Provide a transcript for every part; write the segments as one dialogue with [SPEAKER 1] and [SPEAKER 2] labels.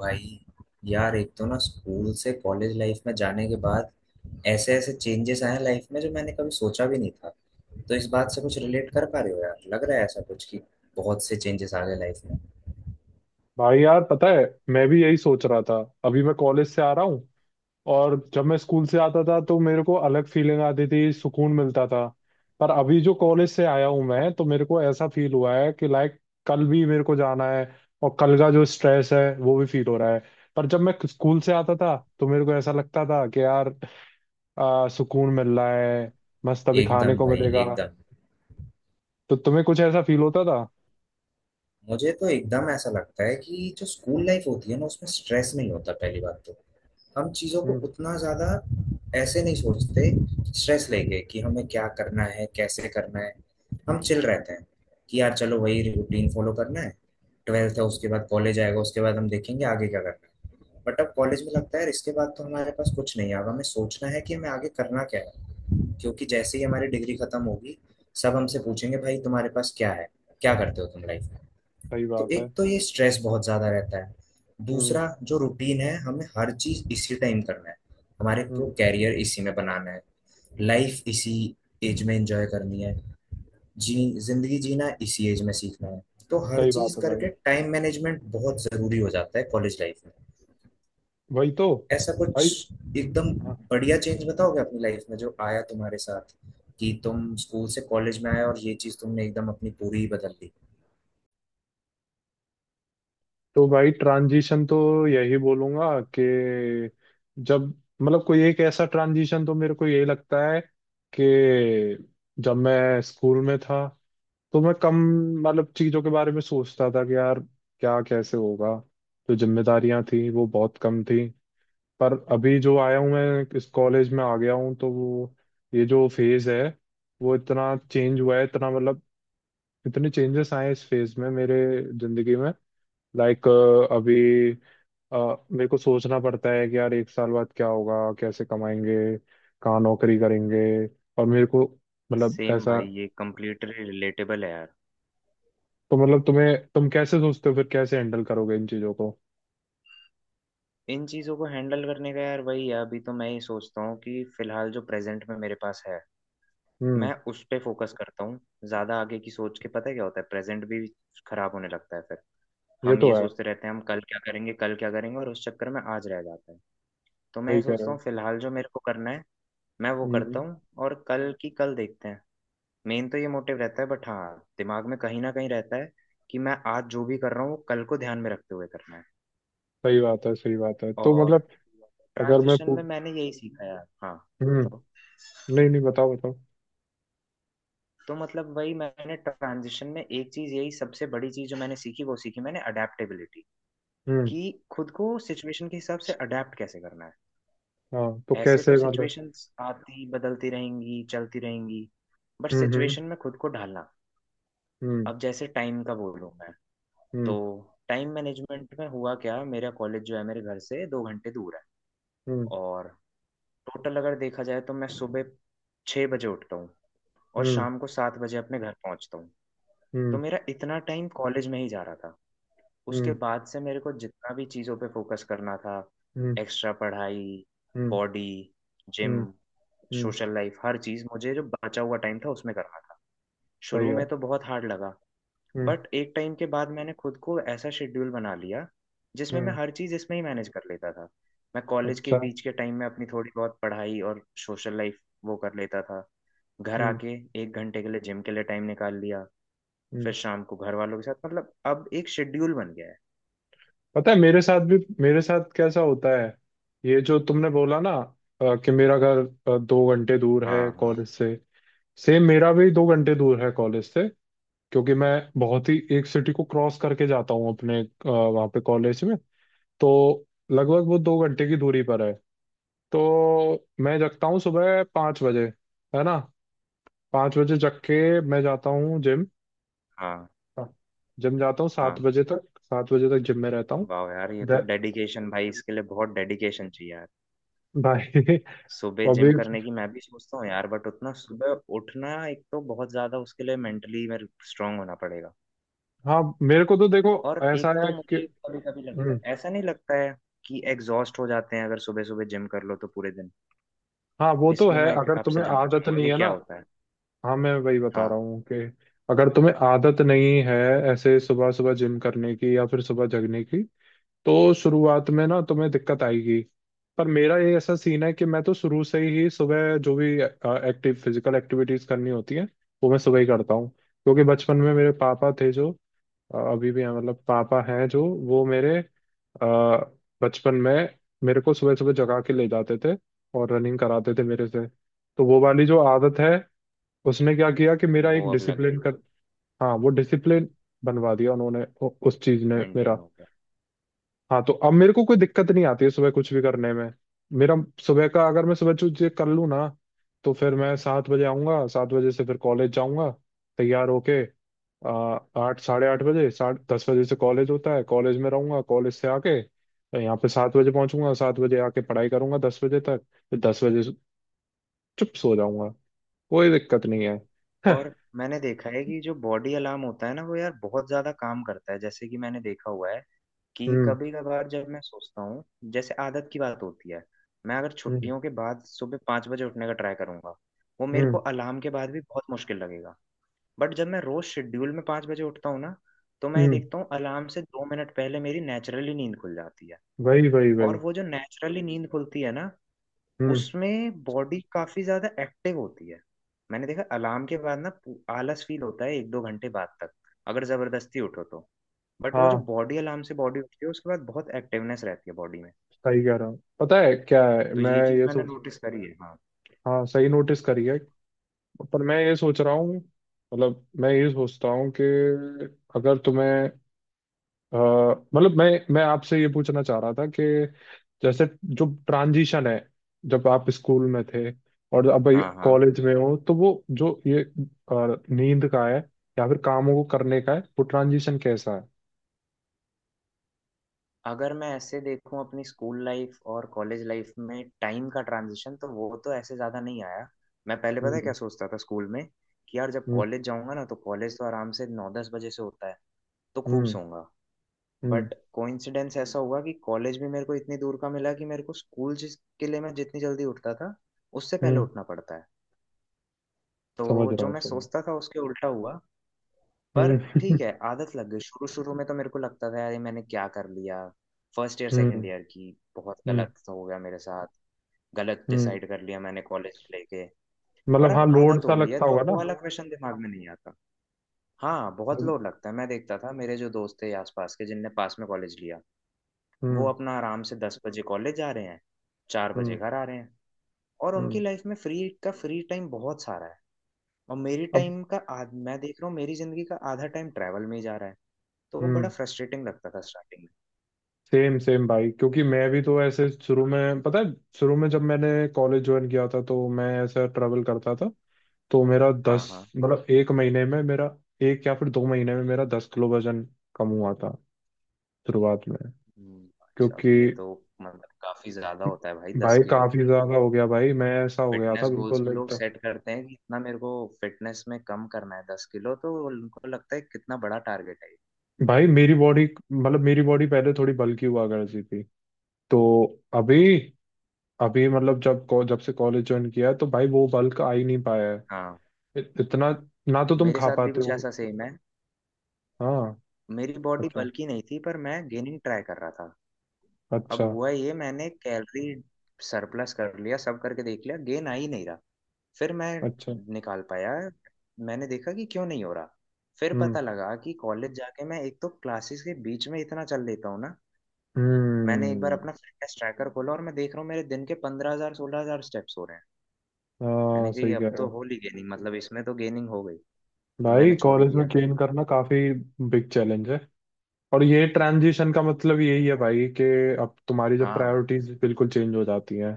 [SPEAKER 1] भाई यार, एक तो ना स्कूल से कॉलेज लाइफ में जाने के बाद ऐसे ऐसे चेंजेस आए हैं लाइफ में जो मैंने कभी सोचा भी नहीं था। तो इस बात से कुछ रिलेट कर पा रहे हो यार? लग रहा है ऐसा कुछ कि बहुत से चेंजेस आ गए लाइफ में।
[SPEAKER 2] भाई यार, पता है, मैं भी यही सोच रहा था। अभी मैं कॉलेज से आ रहा हूँ। और जब मैं स्कूल से आता था तो मेरे को अलग फीलिंग आती थी, सुकून मिलता था। पर अभी जो कॉलेज से आया हूँ मैं, तो मेरे को ऐसा फील हुआ है कि लाइक कल भी मेरे को जाना है, और कल का जो स्ट्रेस है वो भी फील हो रहा है। पर जब मैं स्कूल से आता था तो मेरे को ऐसा लगता था कि यार, सुकून मिल रहा है, मस्त अभी खाने
[SPEAKER 1] एकदम
[SPEAKER 2] को
[SPEAKER 1] भाई,
[SPEAKER 2] मिलेगा।
[SPEAKER 1] एकदम।
[SPEAKER 2] तो तुम्हें कुछ ऐसा फील होता था?
[SPEAKER 1] मुझे तो एकदम ऐसा लगता है कि जो स्कूल लाइफ होती है ना, उसमें स्ट्रेस नहीं होता पहली बात तो। हम चीज़ों को
[SPEAKER 2] हम्म।
[SPEAKER 1] उतना ज़्यादा ऐसे नहीं सोचते स्ट्रेस लेके कि हमें क्या करना है, कैसे करना है। हम चिल रहते हैं कि यार चलो वही रूटीन फॉलो करना है। ट्वेल्थ है, उसके बाद कॉलेज आएगा, उसके बाद हम देखेंगे आगे क्या करना है। बट अब कॉलेज में लगता है यार इसके बाद तो हमारे पास कुछ नहीं है, अब हमें सोचना है कि हमें आगे करना क्या है। क्योंकि जैसे ही हमारी डिग्री खत्म होगी, सब हमसे पूछेंगे भाई तुम्हारे पास क्या है, क्या करते हो तुम लाइफ में।
[SPEAKER 2] सही
[SPEAKER 1] तो
[SPEAKER 2] बात है।
[SPEAKER 1] एक तो ये स्ट्रेस बहुत ज्यादा रहता है।
[SPEAKER 2] हम्म।
[SPEAKER 1] दूसरा, जो रूटीन है हमें हर चीज इसी टाइम करना है, हमारे को
[SPEAKER 2] हम्म।
[SPEAKER 1] कैरियर इसी में बनाना है, लाइफ इसी एज में एंजॉय करनी है, जी, जिंदगी जीना इसी एज में सीखना है। तो हर
[SPEAKER 2] सही
[SPEAKER 1] चीज
[SPEAKER 2] बात है
[SPEAKER 1] करके
[SPEAKER 2] भाई।
[SPEAKER 1] टाइम मैनेजमेंट बहुत जरूरी हो जाता है कॉलेज लाइफ में।
[SPEAKER 2] वही तो।
[SPEAKER 1] ऐसा
[SPEAKER 2] भाई।
[SPEAKER 1] कुछ। एकदम।
[SPEAKER 2] हाँ।
[SPEAKER 1] बढ़िया, चेंज बताओगे अपनी लाइफ में जो आया तुम्हारे साथ, कि तुम स्कूल से कॉलेज में आए और ये चीज तुमने एकदम अपनी पूरी ही बदल दी।
[SPEAKER 2] तो भाई ट्रांजिशन तो यही बोलूंगा कि जब मतलब कोई एक ऐसा ट्रांजिशन तो मेरे को यही लगता है कि जब मैं स्कूल में था तो मैं कम मतलब चीजों के बारे में सोचता था कि यार क्या कैसे होगा। जो जिम्मेदारियां थी वो बहुत कम थी। पर अभी जो आया हूँ मैं, इस कॉलेज में आ गया हूँ, तो वो ये जो फेज है वो इतना चेंज हुआ है, इतना मतलब इतने चेंजेस आए हैं इस फेज में, मेरे जिंदगी में। लाइक अभी, अ, मेरे को सोचना पड़ता है कि यार एक साल बाद क्या होगा, कैसे कमाएंगे, कहाँ नौकरी करेंगे। और मेरे को, मतलब
[SPEAKER 1] सेम
[SPEAKER 2] ऐसा,
[SPEAKER 1] भाई, ये कम्प्लीटली रिलेटेबल है यार।
[SPEAKER 2] तो मतलब तुम कैसे सोचते हो, फिर कैसे हैंडल करोगे इन चीजों को?
[SPEAKER 1] इन चीज़ों को हैंडल करने का यार वही है, अभी तो मैं ये सोचता हूँ कि फिलहाल जो प्रेजेंट में मेरे पास है
[SPEAKER 2] हम्म।
[SPEAKER 1] मैं उस पे फोकस करता हूँ। ज़्यादा आगे की सोच के पता है क्या होता है, प्रेजेंट भी खराब होने लगता है फिर।
[SPEAKER 2] ये
[SPEAKER 1] हम
[SPEAKER 2] तो
[SPEAKER 1] ये
[SPEAKER 2] है,
[SPEAKER 1] सोचते रहते हैं हम कल क्या करेंगे, कल क्या करेंगे, और उस चक्कर में आज रह जाता है। तो मैं
[SPEAKER 2] सही
[SPEAKER 1] ये
[SPEAKER 2] कह रहे
[SPEAKER 1] सोचता
[SPEAKER 2] हो।
[SPEAKER 1] हूँ फिलहाल जो मेरे को करना है मैं वो करता
[SPEAKER 2] हम्म।
[SPEAKER 1] हूँ और कल की कल देखते हैं। मेन तो ये मोटिव रहता है बट हाँ, दिमाग में कहीं ना कहीं रहता है कि मैं आज जो भी कर रहा हूँ वो कल को ध्यान में रखते हुए करना है।
[SPEAKER 2] सही बात है, सही बात है, तो
[SPEAKER 1] और
[SPEAKER 2] मतलब अगर मैं
[SPEAKER 1] ट्रांजिशन में मैंने यही सीखा यार, हाँ। बताओ।
[SPEAKER 2] हम्म, नहीं नहीं, बताओ बताओ।
[SPEAKER 1] तो मतलब वही मैंने ट्रांजिशन में एक चीज, यही सबसे बड़ी चीज जो मैंने सीखी, वो सीखी मैंने अडेप्टेबिलिटी।
[SPEAKER 2] हम्म।
[SPEAKER 1] कि खुद को सिचुएशन के हिसाब से अडेप्ट कैसे करना है।
[SPEAKER 2] हाँ, तो
[SPEAKER 1] ऐसे तो
[SPEAKER 2] कैसे, मतलब?
[SPEAKER 1] सिचुएशंस आती बदलती रहेंगी, चलती रहेंगी, बट
[SPEAKER 2] हम्म। हम्म।
[SPEAKER 1] सिचुएशन में खुद को ढालना। अब जैसे टाइम का बोलूँ मैं, तो
[SPEAKER 2] हम्म।
[SPEAKER 1] टाइम मैनेजमेंट में हुआ क्या, मेरा कॉलेज जो है मेरे घर से 2 घंटे दूर है।
[SPEAKER 2] हम्म।
[SPEAKER 1] और टोटल अगर देखा जाए तो मैं सुबह 6 बजे उठता हूँ और
[SPEAKER 2] हम्म। हम्म।
[SPEAKER 1] शाम को 7 बजे अपने घर पहुंचता हूँ। तो
[SPEAKER 2] हम्म।
[SPEAKER 1] मेरा इतना टाइम कॉलेज में ही जा रहा था। उसके
[SPEAKER 2] हम्म।
[SPEAKER 1] बाद से मेरे को जितना भी चीज़ों पे फोकस करना था,
[SPEAKER 2] हम्म।
[SPEAKER 1] एक्स्ट्रा पढ़ाई,
[SPEAKER 2] हम्म।
[SPEAKER 1] बॉडी, जिम,
[SPEAKER 2] हम्म। हम्म।
[SPEAKER 1] सोशल लाइफ, हर चीज़ मुझे जो बचा हुआ टाइम था उसमें करना था।
[SPEAKER 2] सही
[SPEAKER 1] शुरू में
[SPEAKER 2] है।
[SPEAKER 1] तो बहुत हार्ड लगा,
[SPEAKER 2] हम्म।
[SPEAKER 1] बट एक टाइम के बाद मैंने खुद को ऐसा शेड्यूल बना लिया जिसमें मैं
[SPEAKER 2] हम्म।
[SPEAKER 1] हर चीज़ इसमें ही मैनेज कर लेता था। मैं कॉलेज के
[SPEAKER 2] अच्छा।
[SPEAKER 1] बीच के टाइम में अपनी थोड़ी बहुत पढ़ाई और सोशल लाइफ वो कर लेता था। घर
[SPEAKER 2] हम्म।
[SPEAKER 1] आके 1 घंटे के लिए जिम के लिए टाइम निकाल लिया। फिर
[SPEAKER 2] हम्म।
[SPEAKER 1] शाम को घर वालों के साथ, मतलब अब एक शेड्यूल बन गया है।
[SPEAKER 2] पता है, मेरे साथ कैसा होता है? ये जो तुमने बोला ना, कि मेरा घर 2 घंटे दूर
[SPEAKER 1] हाँ।
[SPEAKER 2] है
[SPEAKER 1] हाँ।
[SPEAKER 2] कॉलेज से। सेम मेरा भी 2 घंटे दूर है कॉलेज से। क्योंकि मैं बहुत ही एक सिटी को क्रॉस करके जाता हूँ अपने, वहाँ पे कॉलेज में। तो लगभग वो 2 घंटे की दूरी पर है। तो मैं जगता हूँ सुबह 5 बजे, है ना। 5 बजे जग के मैं जाता हूँ जिम।
[SPEAKER 1] हाँ।
[SPEAKER 2] हाँ, जिम जाता हूँ सात
[SPEAKER 1] हाँ।
[SPEAKER 2] बजे तक, 7 बजे तक जिम में रहता हूँ।
[SPEAKER 1] वाह यार, ये तो
[SPEAKER 2] दे-
[SPEAKER 1] डेडिकेशन भाई, इसके लिए बहुत डेडिकेशन चाहिए यार।
[SPEAKER 2] भाई।
[SPEAKER 1] सुबह
[SPEAKER 2] अभी।
[SPEAKER 1] जिम करने की मैं भी सोचता हूँ यार, बट उतना सुबह उठना एक तो बहुत ज्यादा, उसके लिए मेंटली मेरे स्ट्रांग होना पड़ेगा।
[SPEAKER 2] हाँ, मेरे को तो देखो,
[SPEAKER 1] और
[SPEAKER 2] ऐसा
[SPEAKER 1] एक तो
[SPEAKER 2] है कि
[SPEAKER 1] मुझे कभी कभी लगता है,
[SPEAKER 2] हम्म,
[SPEAKER 1] ऐसा नहीं लगता है कि एग्जॉस्ट हो जाते हैं अगर सुबह सुबह जिम कर लो तो पूरे दिन?
[SPEAKER 2] हाँ वो तो
[SPEAKER 1] इसमें
[SPEAKER 2] है
[SPEAKER 1] मैं एक
[SPEAKER 2] अगर
[SPEAKER 1] आपसे
[SPEAKER 2] तुम्हें
[SPEAKER 1] जानना
[SPEAKER 2] आदत
[SPEAKER 1] चाहूंगा
[SPEAKER 2] नहीं
[SPEAKER 1] कि
[SPEAKER 2] है ना।
[SPEAKER 1] क्या होता है।
[SPEAKER 2] हाँ, मैं वही बता रहा
[SPEAKER 1] हाँ।
[SPEAKER 2] हूँ कि अगर तुम्हें आदत नहीं है ऐसे सुबह सुबह जिम करने की या फिर सुबह जगने की, तो शुरुआत में ना तुम्हें दिक्कत आएगी। पर मेरा ये ऐसा सीन है कि मैं तो शुरू से ही सुबह, जो भी एक्टिव फिजिकल एक्टिविटीज करनी होती है वो मैं सुबह ही करता हूँ। क्योंकि बचपन में मेरे पापा थे जो, अभी भी है, मतलब पापा हैं जो, वो मेरे बचपन में मेरे को सुबह सुबह जगा के ले जाते थे और रनिंग कराते थे मेरे से। तो वो वाली जो आदत है, उसने क्या किया कि मेरा
[SPEAKER 1] वो
[SPEAKER 2] एक
[SPEAKER 1] अब लग
[SPEAKER 2] डिसिप्लिन
[SPEAKER 1] गई।
[SPEAKER 2] कर, हाँ वो डिसिप्लिन बनवा दिया उन्होंने, उस चीज ने मेरा।
[SPEAKER 1] मेंटेन हो गया।
[SPEAKER 2] हाँ, तो अब मेरे को कोई दिक्कत नहीं आती है सुबह कुछ भी करने में। मेरा सुबह का, अगर मैं सुबह कुछ कर लूँ ना, तो फिर मैं 7 बजे आऊँगा, 7 बजे से फिर कॉलेज जाऊँगा तैयार होके। आ, 8 साढ़े 8 बजे, साढ़े 10 बजे से कॉलेज होता है, कॉलेज में रहूँगा, कॉलेज से आके यहाँ पे 7 बजे पहुँचूंगा। 7 बजे आके पढ़ाई करूँगा 10 बजे तक, फिर 10 बजे से चुप सो जाऊँगा। कोई दिक्कत नहीं है।
[SPEAKER 1] और मैंने देखा है कि जो बॉडी अलार्म होता है ना वो यार बहुत ज्यादा काम करता है। जैसे कि मैंने देखा हुआ है कि
[SPEAKER 2] हम्म।
[SPEAKER 1] कभी कभार जब मैं सोचता हूँ, जैसे आदत की बात होती है, मैं अगर
[SPEAKER 2] हम्म।
[SPEAKER 1] छुट्टियों के बाद सुबह 5 बजे उठने का ट्राई करूंगा, वो मेरे को
[SPEAKER 2] हम्म।
[SPEAKER 1] अलार्म के बाद भी बहुत मुश्किल लगेगा। बट जब मैं रोज शेड्यूल में 5 बजे उठता हूँ ना, तो मैं ये
[SPEAKER 2] हम्म,
[SPEAKER 1] देखता हूँ अलार्म से 2 मिनट पहले मेरी नेचुरली नींद खुल जाती है।
[SPEAKER 2] वही वही
[SPEAKER 1] और
[SPEAKER 2] वही।
[SPEAKER 1] वो जो नेचुरली नींद खुलती है ना,
[SPEAKER 2] हम्म।
[SPEAKER 1] उसमें बॉडी काफी ज्यादा एक्टिव होती है। मैंने देखा अलार्म के बाद ना आलस फील होता है एक दो घंटे बाद तक, अगर जबरदस्ती उठो तो। बट वो जो
[SPEAKER 2] हाँ,
[SPEAKER 1] बॉडी अलार्म से बॉडी उठती है उसके बाद बहुत एक्टिवनेस रहती है बॉडी में।
[SPEAKER 2] सही कह रहा हूँ, पता है क्या है,
[SPEAKER 1] तो
[SPEAKER 2] मैं
[SPEAKER 1] ये चीज
[SPEAKER 2] ये
[SPEAKER 1] मैंने
[SPEAKER 2] सोच,
[SPEAKER 1] नोटिस करी है, हाँ।
[SPEAKER 2] हाँ सही नोटिस करी है। पर मैं ये सोच रहा हूँ, मतलब मैं ये सोचता हूँ कि अगर तुम्हें, अ, मतलब मैं आपसे ये पूछना चाह रहा था कि, जैसे, जो ट्रांजिशन है जब आप स्कूल में थे और अब
[SPEAKER 1] हाँ। हाँ।
[SPEAKER 2] कॉलेज में हो, तो वो जो ये नींद का है या फिर कामों को करने का है, वो ट्रांजिशन कैसा है?
[SPEAKER 1] अगर मैं ऐसे देखूं अपनी स्कूल लाइफ और कॉलेज लाइफ में टाइम का ट्रांजिशन, तो वो तो ऐसे ज्यादा नहीं आया। मैं पहले पता है क्या
[SPEAKER 2] हम्म।
[SPEAKER 1] सोचता था स्कूल में, कि यार जब
[SPEAKER 2] हम्म।
[SPEAKER 1] कॉलेज जाऊंगा ना तो कॉलेज तो आराम से 9-10 बजे से होता है, तो खूब
[SPEAKER 2] हम्म।
[SPEAKER 1] सोऊंगा।
[SPEAKER 2] हम्म।
[SPEAKER 1] बट कोइंसिडेंस ऐसा हुआ कि कॉलेज भी मेरे को इतनी दूर का मिला कि मेरे को स्कूल जिसके लिए मैं जितनी जल्दी उठता था उससे पहले
[SPEAKER 2] हम्म,
[SPEAKER 1] उठना पड़ता है।
[SPEAKER 2] समझ
[SPEAKER 1] तो
[SPEAKER 2] रहा
[SPEAKER 1] जो
[SPEAKER 2] हूँ,
[SPEAKER 1] मैं
[SPEAKER 2] समझ
[SPEAKER 1] सोचता
[SPEAKER 2] रहा
[SPEAKER 1] था उसके उल्टा हुआ।
[SPEAKER 2] हूँ।
[SPEAKER 1] पर
[SPEAKER 2] हम्म।
[SPEAKER 1] ठीक है, आदत लग गई। शुरू शुरू में तो मेरे को लगता था यार ये मैंने क्या कर लिया, फर्स्ट ईयर सेकंड
[SPEAKER 2] हम्म।
[SPEAKER 1] ईयर की, बहुत
[SPEAKER 2] हम्म।
[SPEAKER 1] गलत हो गया मेरे साथ, गलत
[SPEAKER 2] हम्म।
[SPEAKER 1] डिसाइड कर लिया मैंने कॉलेज लेके। पर
[SPEAKER 2] मतलब हाँ,
[SPEAKER 1] अब
[SPEAKER 2] लोड
[SPEAKER 1] आदत हो
[SPEAKER 2] सा
[SPEAKER 1] गई है
[SPEAKER 2] लगता
[SPEAKER 1] तो
[SPEAKER 2] होगा
[SPEAKER 1] अब वो
[SPEAKER 2] ना।
[SPEAKER 1] वाला क्वेश्चन दिमाग में नहीं आता। हाँ, बहुत
[SPEAKER 2] हम्म।
[SPEAKER 1] लोड लगता है। मैं देखता था मेरे जो दोस्त थे आसपास के जिनने पास में कॉलेज लिया, वो अपना आराम से 10 बजे कॉलेज जा रहे हैं, 4 बजे
[SPEAKER 2] हम्म।
[SPEAKER 1] घर आ रहे हैं, और उनकी
[SPEAKER 2] हम्म।
[SPEAKER 1] लाइफ में फ्री का फ्री टाइम बहुत सारा है। और मेरी
[SPEAKER 2] अब।
[SPEAKER 1] टाइम का आध, मैं देख रहा हूँ मेरी जिंदगी का आधा टाइम ट्रैवल में ही जा रहा है। तो वो बड़ा
[SPEAKER 2] हम्म।
[SPEAKER 1] फ्रस्ट्रेटिंग लगता था स्टार्टिंग में।
[SPEAKER 2] सेम सेम भाई, क्योंकि मैं भी तो ऐसे, शुरू में पता है, शुरू में जब मैंने कॉलेज ज्वाइन किया था तो मैं ऐसा ट्रेवल करता था, तो मेरा
[SPEAKER 1] हाँ।
[SPEAKER 2] दस
[SPEAKER 1] हाँ।
[SPEAKER 2] मतलब एक महीने में मेरा, एक या फिर 2 महीने में मेरा 10 किलो वजन कम हुआ था शुरुआत में।
[SPEAKER 1] भाई साहब
[SPEAKER 2] क्योंकि
[SPEAKER 1] ये तो, मतलब काफी ज्यादा होता है भाई दस
[SPEAKER 2] भाई
[SPEAKER 1] किलो
[SPEAKER 2] काफी ज्यादा हो गया, भाई मैं ऐसा हो गया था
[SPEAKER 1] फिटनेस गोल्स
[SPEAKER 2] बिल्कुल
[SPEAKER 1] में लोग
[SPEAKER 2] एकदम।
[SPEAKER 1] सेट करते हैं कि इतना मेरे को फिटनेस में कम करना है 10 किलो, तो उनको लगता है कितना बड़ा टारगेट है ये।
[SPEAKER 2] भाई मेरी बॉडी, मतलब मेरी बॉडी पहले थोड़ी बल्की हुआ करती थी, तो अभी, अभी मतलब जब जब से कॉलेज ज्वाइन किया है तो भाई वो बल्क आ ही नहीं पाया है,
[SPEAKER 1] हाँ
[SPEAKER 2] इतना, ना तो तुम
[SPEAKER 1] मेरे
[SPEAKER 2] खा
[SPEAKER 1] साथ भी
[SPEAKER 2] पाते
[SPEAKER 1] कुछ
[SPEAKER 2] हो।
[SPEAKER 1] ऐसा सेम है।
[SPEAKER 2] हाँ।
[SPEAKER 1] मेरी बॉडी
[SPEAKER 2] अच्छा।
[SPEAKER 1] बल्की नहीं थी पर मैं गेनिंग ट्राई कर रहा था। अब
[SPEAKER 2] अच्छा।
[SPEAKER 1] हुआ ये, मैंने कैलोरी सरप्लस कर लिया, सब करके देख लिया, गेन आ ही नहीं रहा। फिर मैं
[SPEAKER 2] अच्छा।
[SPEAKER 1] निकाल पाया, मैंने देखा कि क्यों नहीं हो रहा। फिर
[SPEAKER 2] हम्म।
[SPEAKER 1] पता लगा कि कॉलेज जाके मैं एक तो क्लासेस के बीच में इतना चल लेता हूँ ना, मैंने एक बार
[SPEAKER 2] हम्म।
[SPEAKER 1] अपना फिटनेस ट्रैकर खोला और मैं देख रहा हूँ मेरे दिन के 15,000 16,000 स्टेप्स हो रहे हैं। मैंने
[SPEAKER 2] हाँ,
[SPEAKER 1] कहा ये
[SPEAKER 2] सही कह
[SPEAKER 1] अब
[SPEAKER 2] रहे
[SPEAKER 1] तो
[SPEAKER 2] हो।
[SPEAKER 1] होली गेनिंग, मतलब इसमें तो गेनिंग हो गई, तो मैंने
[SPEAKER 2] भाई
[SPEAKER 1] छोड़ ही
[SPEAKER 2] कॉलेज
[SPEAKER 1] दिया
[SPEAKER 2] में
[SPEAKER 1] फिर।
[SPEAKER 2] गेन करना काफी बिग चैलेंज है। और ये ट्रांजिशन का मतलब यही है भाई कि अब तुम्हारी, जब
[SPEAKER 1] हाँ,
[SPEAKER 2] प्रायोरिटीज बिल्कुल चेंज हो जाती हैं,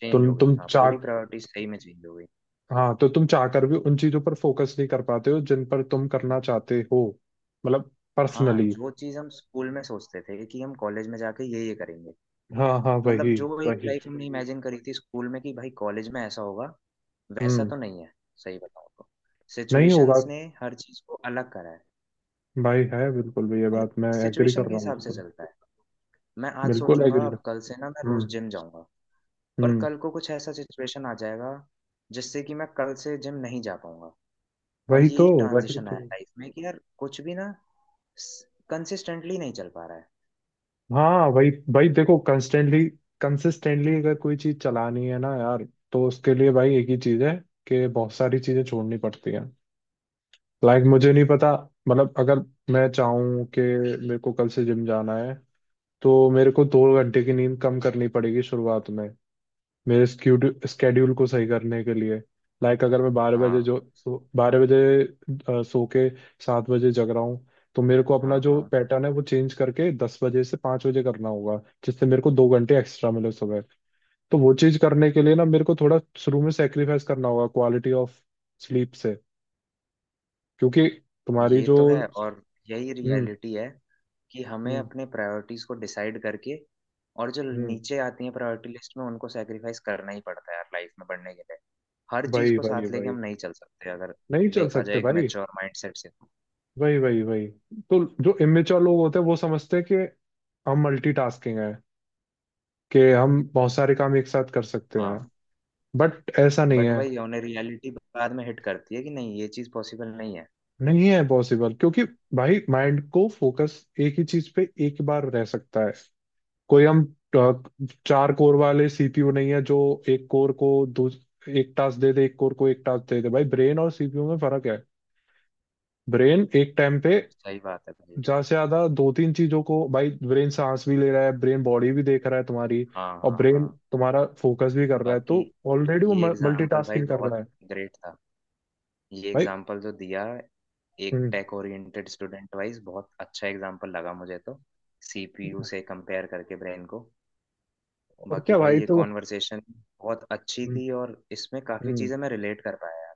[SPEAKER 1] चेंज
[SPEAKER 2] तुम
[SPEAKER 1] हो गई,
[SPEAKER 2] तुम
[SPEAKER 1] हाँ,
[SPEAKER 2] चाह,
[SPEAKER 1] पूरी प्रायोरिटी सही में चेंज हो गई।
[SPEAKER 2] हाँ तो तुम चाह कर भी उन चीजों पर फोकस नहीं कर पाते हो जिन पर तुम करना चाहते हो, मतलब
[SPEAKER 1] हाँ,
[SPEAKER 2] पर्सनली।
[SPEAKER 1] जो चीज हम स्कूल में सोचते थे कि हम कॉलेज में जाके ये करेंगे,
[SPEAKER 2] हाँ हाँ,
[SPEAKER 1] मतलब
[SPEAKER 2] वही
[SPEAKER 1] जो एक
[SPEAKER 2] वही।
[SPEAKER 1] लाइफ हमने इमेजिन करी थी स्कूल में कि भाई कॉलेज में ऐसा होगा, वैसा
[SPEAKER 2] हम्म।
[SPEAKER 1] तो नहीं है। सही बताऊं तो
[SPEAKER 2] नहीं होगा।
[SPEAKER 1] सिचुएशंस ने हर चीज को अलग करा है।
[SPEAKER 2] भाई है, बिल्कुल भी, ये
[SPEAKER 1] और
[SPEAKER 2] बात मैं एग्री
[SPEAKER 1] सिचुएशन
[SPEAKER 2] कर
[SPEAKER 1] के
[SPEAKER 2] रहा हूँ,
[SPEAKER 1] हिसाब से
[SPEAKER 2] बिल्कुल,
[SPEAKER 1] चलता है। मैं आज
[SPEAKER 2] बिल्कुल
[SPEAKER 1] सोचूंगा
[SPEAKER 2] एग्री कर।
[SPEAKER 1] अब कल से ना मैं रोज
[SPEAKER 2] हम्म।
[SPEAKER 1] जिम जाऊंगा, पर
[SPEAKER 2] हम्म।
[SPEAKER 1] कल को कुछ ऐसा सिचुएशन आ जाएगा जिससे कि मैं कल से जिम नहीं जा पाऊंगा। और
[SPEAKER 2] वही तो,
[SPEAKER 1] यही
[SPEAKER 2] वही
[SPEAKER 1] ट्रांजिशन
[SPEAKER 2] तो।
[SPEAKER 1] आया लाइफ में कि यार कुछ भी ना कंसिस्टेंटली नहीं चल पा रहा है।
[SPEAKER 2] हाँ, वही भाई, देखो कंस्टेंटली कंसिस्टेंटली अगर कोई चीज चलानी है ना यार, तो उसके लिए भाई एक ही चीज है कि बहुत सारी चीजें छोड़नी पड़ती हैं। लाइक, मुझे नहीं पता, मतलब अगर मैं चाहूँ कि मेरे को कल से जिम जाना है, तो मेरे को 2 घंटे की नींद कम करनी पड़ेगी शुरुआत में, मेरे स्केड्यूल को सही करने के लिए। लाइक, अगर मैं 12 बजे
[SPEAKER 1] हाँ।
[SPEAKER 2] जो सो, 12 बजे, सो के 7 बजे जग रहा हूँ, तो मेरे को अपना
[SPEAKER 1] हाँ।
[SPEAKER 2] जो
[SPEAKER 1] हाँ।
[SPEAKER 2] पैटर्न है वो चेंज करके 10 बजे से 5 बजे करना होगा, जिससे मेरे को 2 घंटे एक्स्ट्रा मिले सुबह। तो वो चीज़ करने के लिए ना, मेरे को थोड़ा शुरू में सेक्रीफाइस करना होगा क्वालिटी ऑफ स्लीप से, क्योंकि तुम्हारी
[SPEAKER 1] ये
[SPEAKER 2] जो।
[SPEAKER 1] तो है। और यही
[SPEAKER 2] हम्म।
[SPEAKER 1] रियलिटी है कि हमें
[SPEAKER 2] हम्म।
[SPEAKER 1] अपने प्रायोरिटीज को डिसाइड करके, और जो
[SPEAKER 2] हम्म।
[SPEAKER 1] नीचे आती हैं प्रायोरिटी लिस्ट में उनको सेक्रीफाइस करना ही पड़ता है यार लाइफ में बढ़ने के लिए। हर चीज
[SPEAKER 2] वही
[SPEAKER 1] को
[SPEAKER 2] वही
[SPEAKER 1] साथ लेके
[SPEAKER 2] वही,
[SPEAKER 1] हम नहीं चल सकते अगर
[SPEAKER 2] नहीं चल
[SPEAKER 1] देखा जाए
[SPEAKER 2] सकते
[SPEAKER 1] एक
[SPEAKER 2] भाई।
[SPEAKER 1] मैच्योर माइंडसेट से।
[SPEAKER 2] वही वही वही, तो जो इमेच्योर लोग होते हैं वो समझते हैं कि हम मल्टीटास्किंग है, कि हम बहुत सारे काम एक साथ कर सकते हैं।
[SPEAKER 1] हाँ।
[SPEAKER 2] बट ऐसा नहीं
[SPEAKER 1] बट
[SPEAKER 2] है,
[SPEAKER 1] वही है, उन्हें रियलिटी बाद में हिट करती है कि नहीं ये चीज पॉसिबल नहीं है।
[SPEAKER 2] नहीं है पॉसिबल, क्योंकि भाई माइंड को फोकस एक ही चीज पे एक बार रह सकता है। कोई हम अ, चार कोर वाले सीपीयू नहीं है जो एक कोर को दो एक टास्क दे दे, एक कोर को एक टास्क दे दे। भाई ब्रेन और सीपीयू में फर्क है। ब्रेन एक टाइम पे
[SPEAKER 1] सही बात है भाई।
[SPEAKER 2] ज्यादा से ज्यादा दो तीन चीजों को, भाई ब्रेन सांस भी ले रहा है, ब्रेन बॉडी भी देख रहा है तुम्हारी,
[SPEAKER 1] हाँ।
[SPEAKER 2] और
[SPEAKER 1] हाँ।
[SPEAKER 2] ब्रेन
[SPEAKER 1] हाँ।
[SPEAKER 2] तुम्हारा फोकस भी कर रहा है,
[SPEAKER 1] बाकी
[SPEAKER 2] तो ऑलरेडी वो
[SPEAKER 1] ये एग्जाम्पल भाई
[SPEAKER 2] मल्टीटास्किंग कर
[SPEAKER 1] बहुत
[SPEAKER 2] रहा है
[SPEAKER 1] ग्रेट था, ये
[SPEAKER 2] भाई।
[SPEAKER 1] एग्जाम्पल जो दिया, एक
[SPEAKER 2] हम्म।
[SPEAKER 1] टेक ओरिएंटेड स्टूडेंट वाइज बहुत अच्छा एग्जाम्पल लगा मुझे तो, सीपीयू से कंपेयर करके ब्रेन को।
[SPEAKER 2] और
[SPEAKER 1] बाकी
[SPEAKER 2] क्या
[SPEAKER 1] भाई
[SPEAKER 2] भाई।
[SPEAKER 1] ये
[SPEAKER 2] तो
[SPEAKER 1] कॉन्वर्सेशन बहुत अच्छी
[SPEAKER 2] हम्म।
[SPEAKER 1] थी और इसमें काफी
[SPEAKER 2] हम्म,
[SPEAKER 1] चीजें मैं रिलेट कर पाया यार।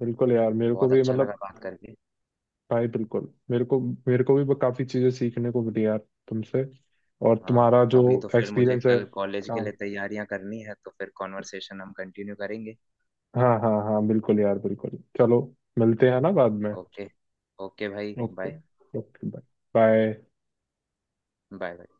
[SPEAKER 2] बिल्कुल यार, मेरे को
[SPEAKER 1] बहुत
[SPEAKER 2] भी
[SPEAKER 1] अच्छा लगा
[SPEAKER 2] मतलब,
[SPEAKER 1] बात करके।
[SPEAKER 2] भाई बिल्कुल, मेरे को भी काफी चीजें सीखने को मिली यार तुमसे, और
[SPEAKER 1] हाँ
[SPEAKER 2] तुम्हारा जो
[SPEAKER 1] अभी तो फिर मुझे
[SPEAKER 2] एक्सपीरियंस है।
[SPEAKER 1] कल कॉलेज के
[SPEAKER 2] हाँ।
[SPEAKER 1] लिए तैयारियां करनी है, तो फिर कॉन्वर्सेशन हम कंटिन्यू करेंगे।
[SPEAKER 2] हाँ हाँ हाँ, बिल्कुल यार, बिल्कुल, चलो मिलते हैं ना बाद में।
[SPEAKER 1] ओके। ओके भाई,
[SPEAKER 2] okay.
[SPEAKER 1] Bye.
[SPEAKER 2] Okay bye. Bye.
[SPEAKER 1] Bye. Bye.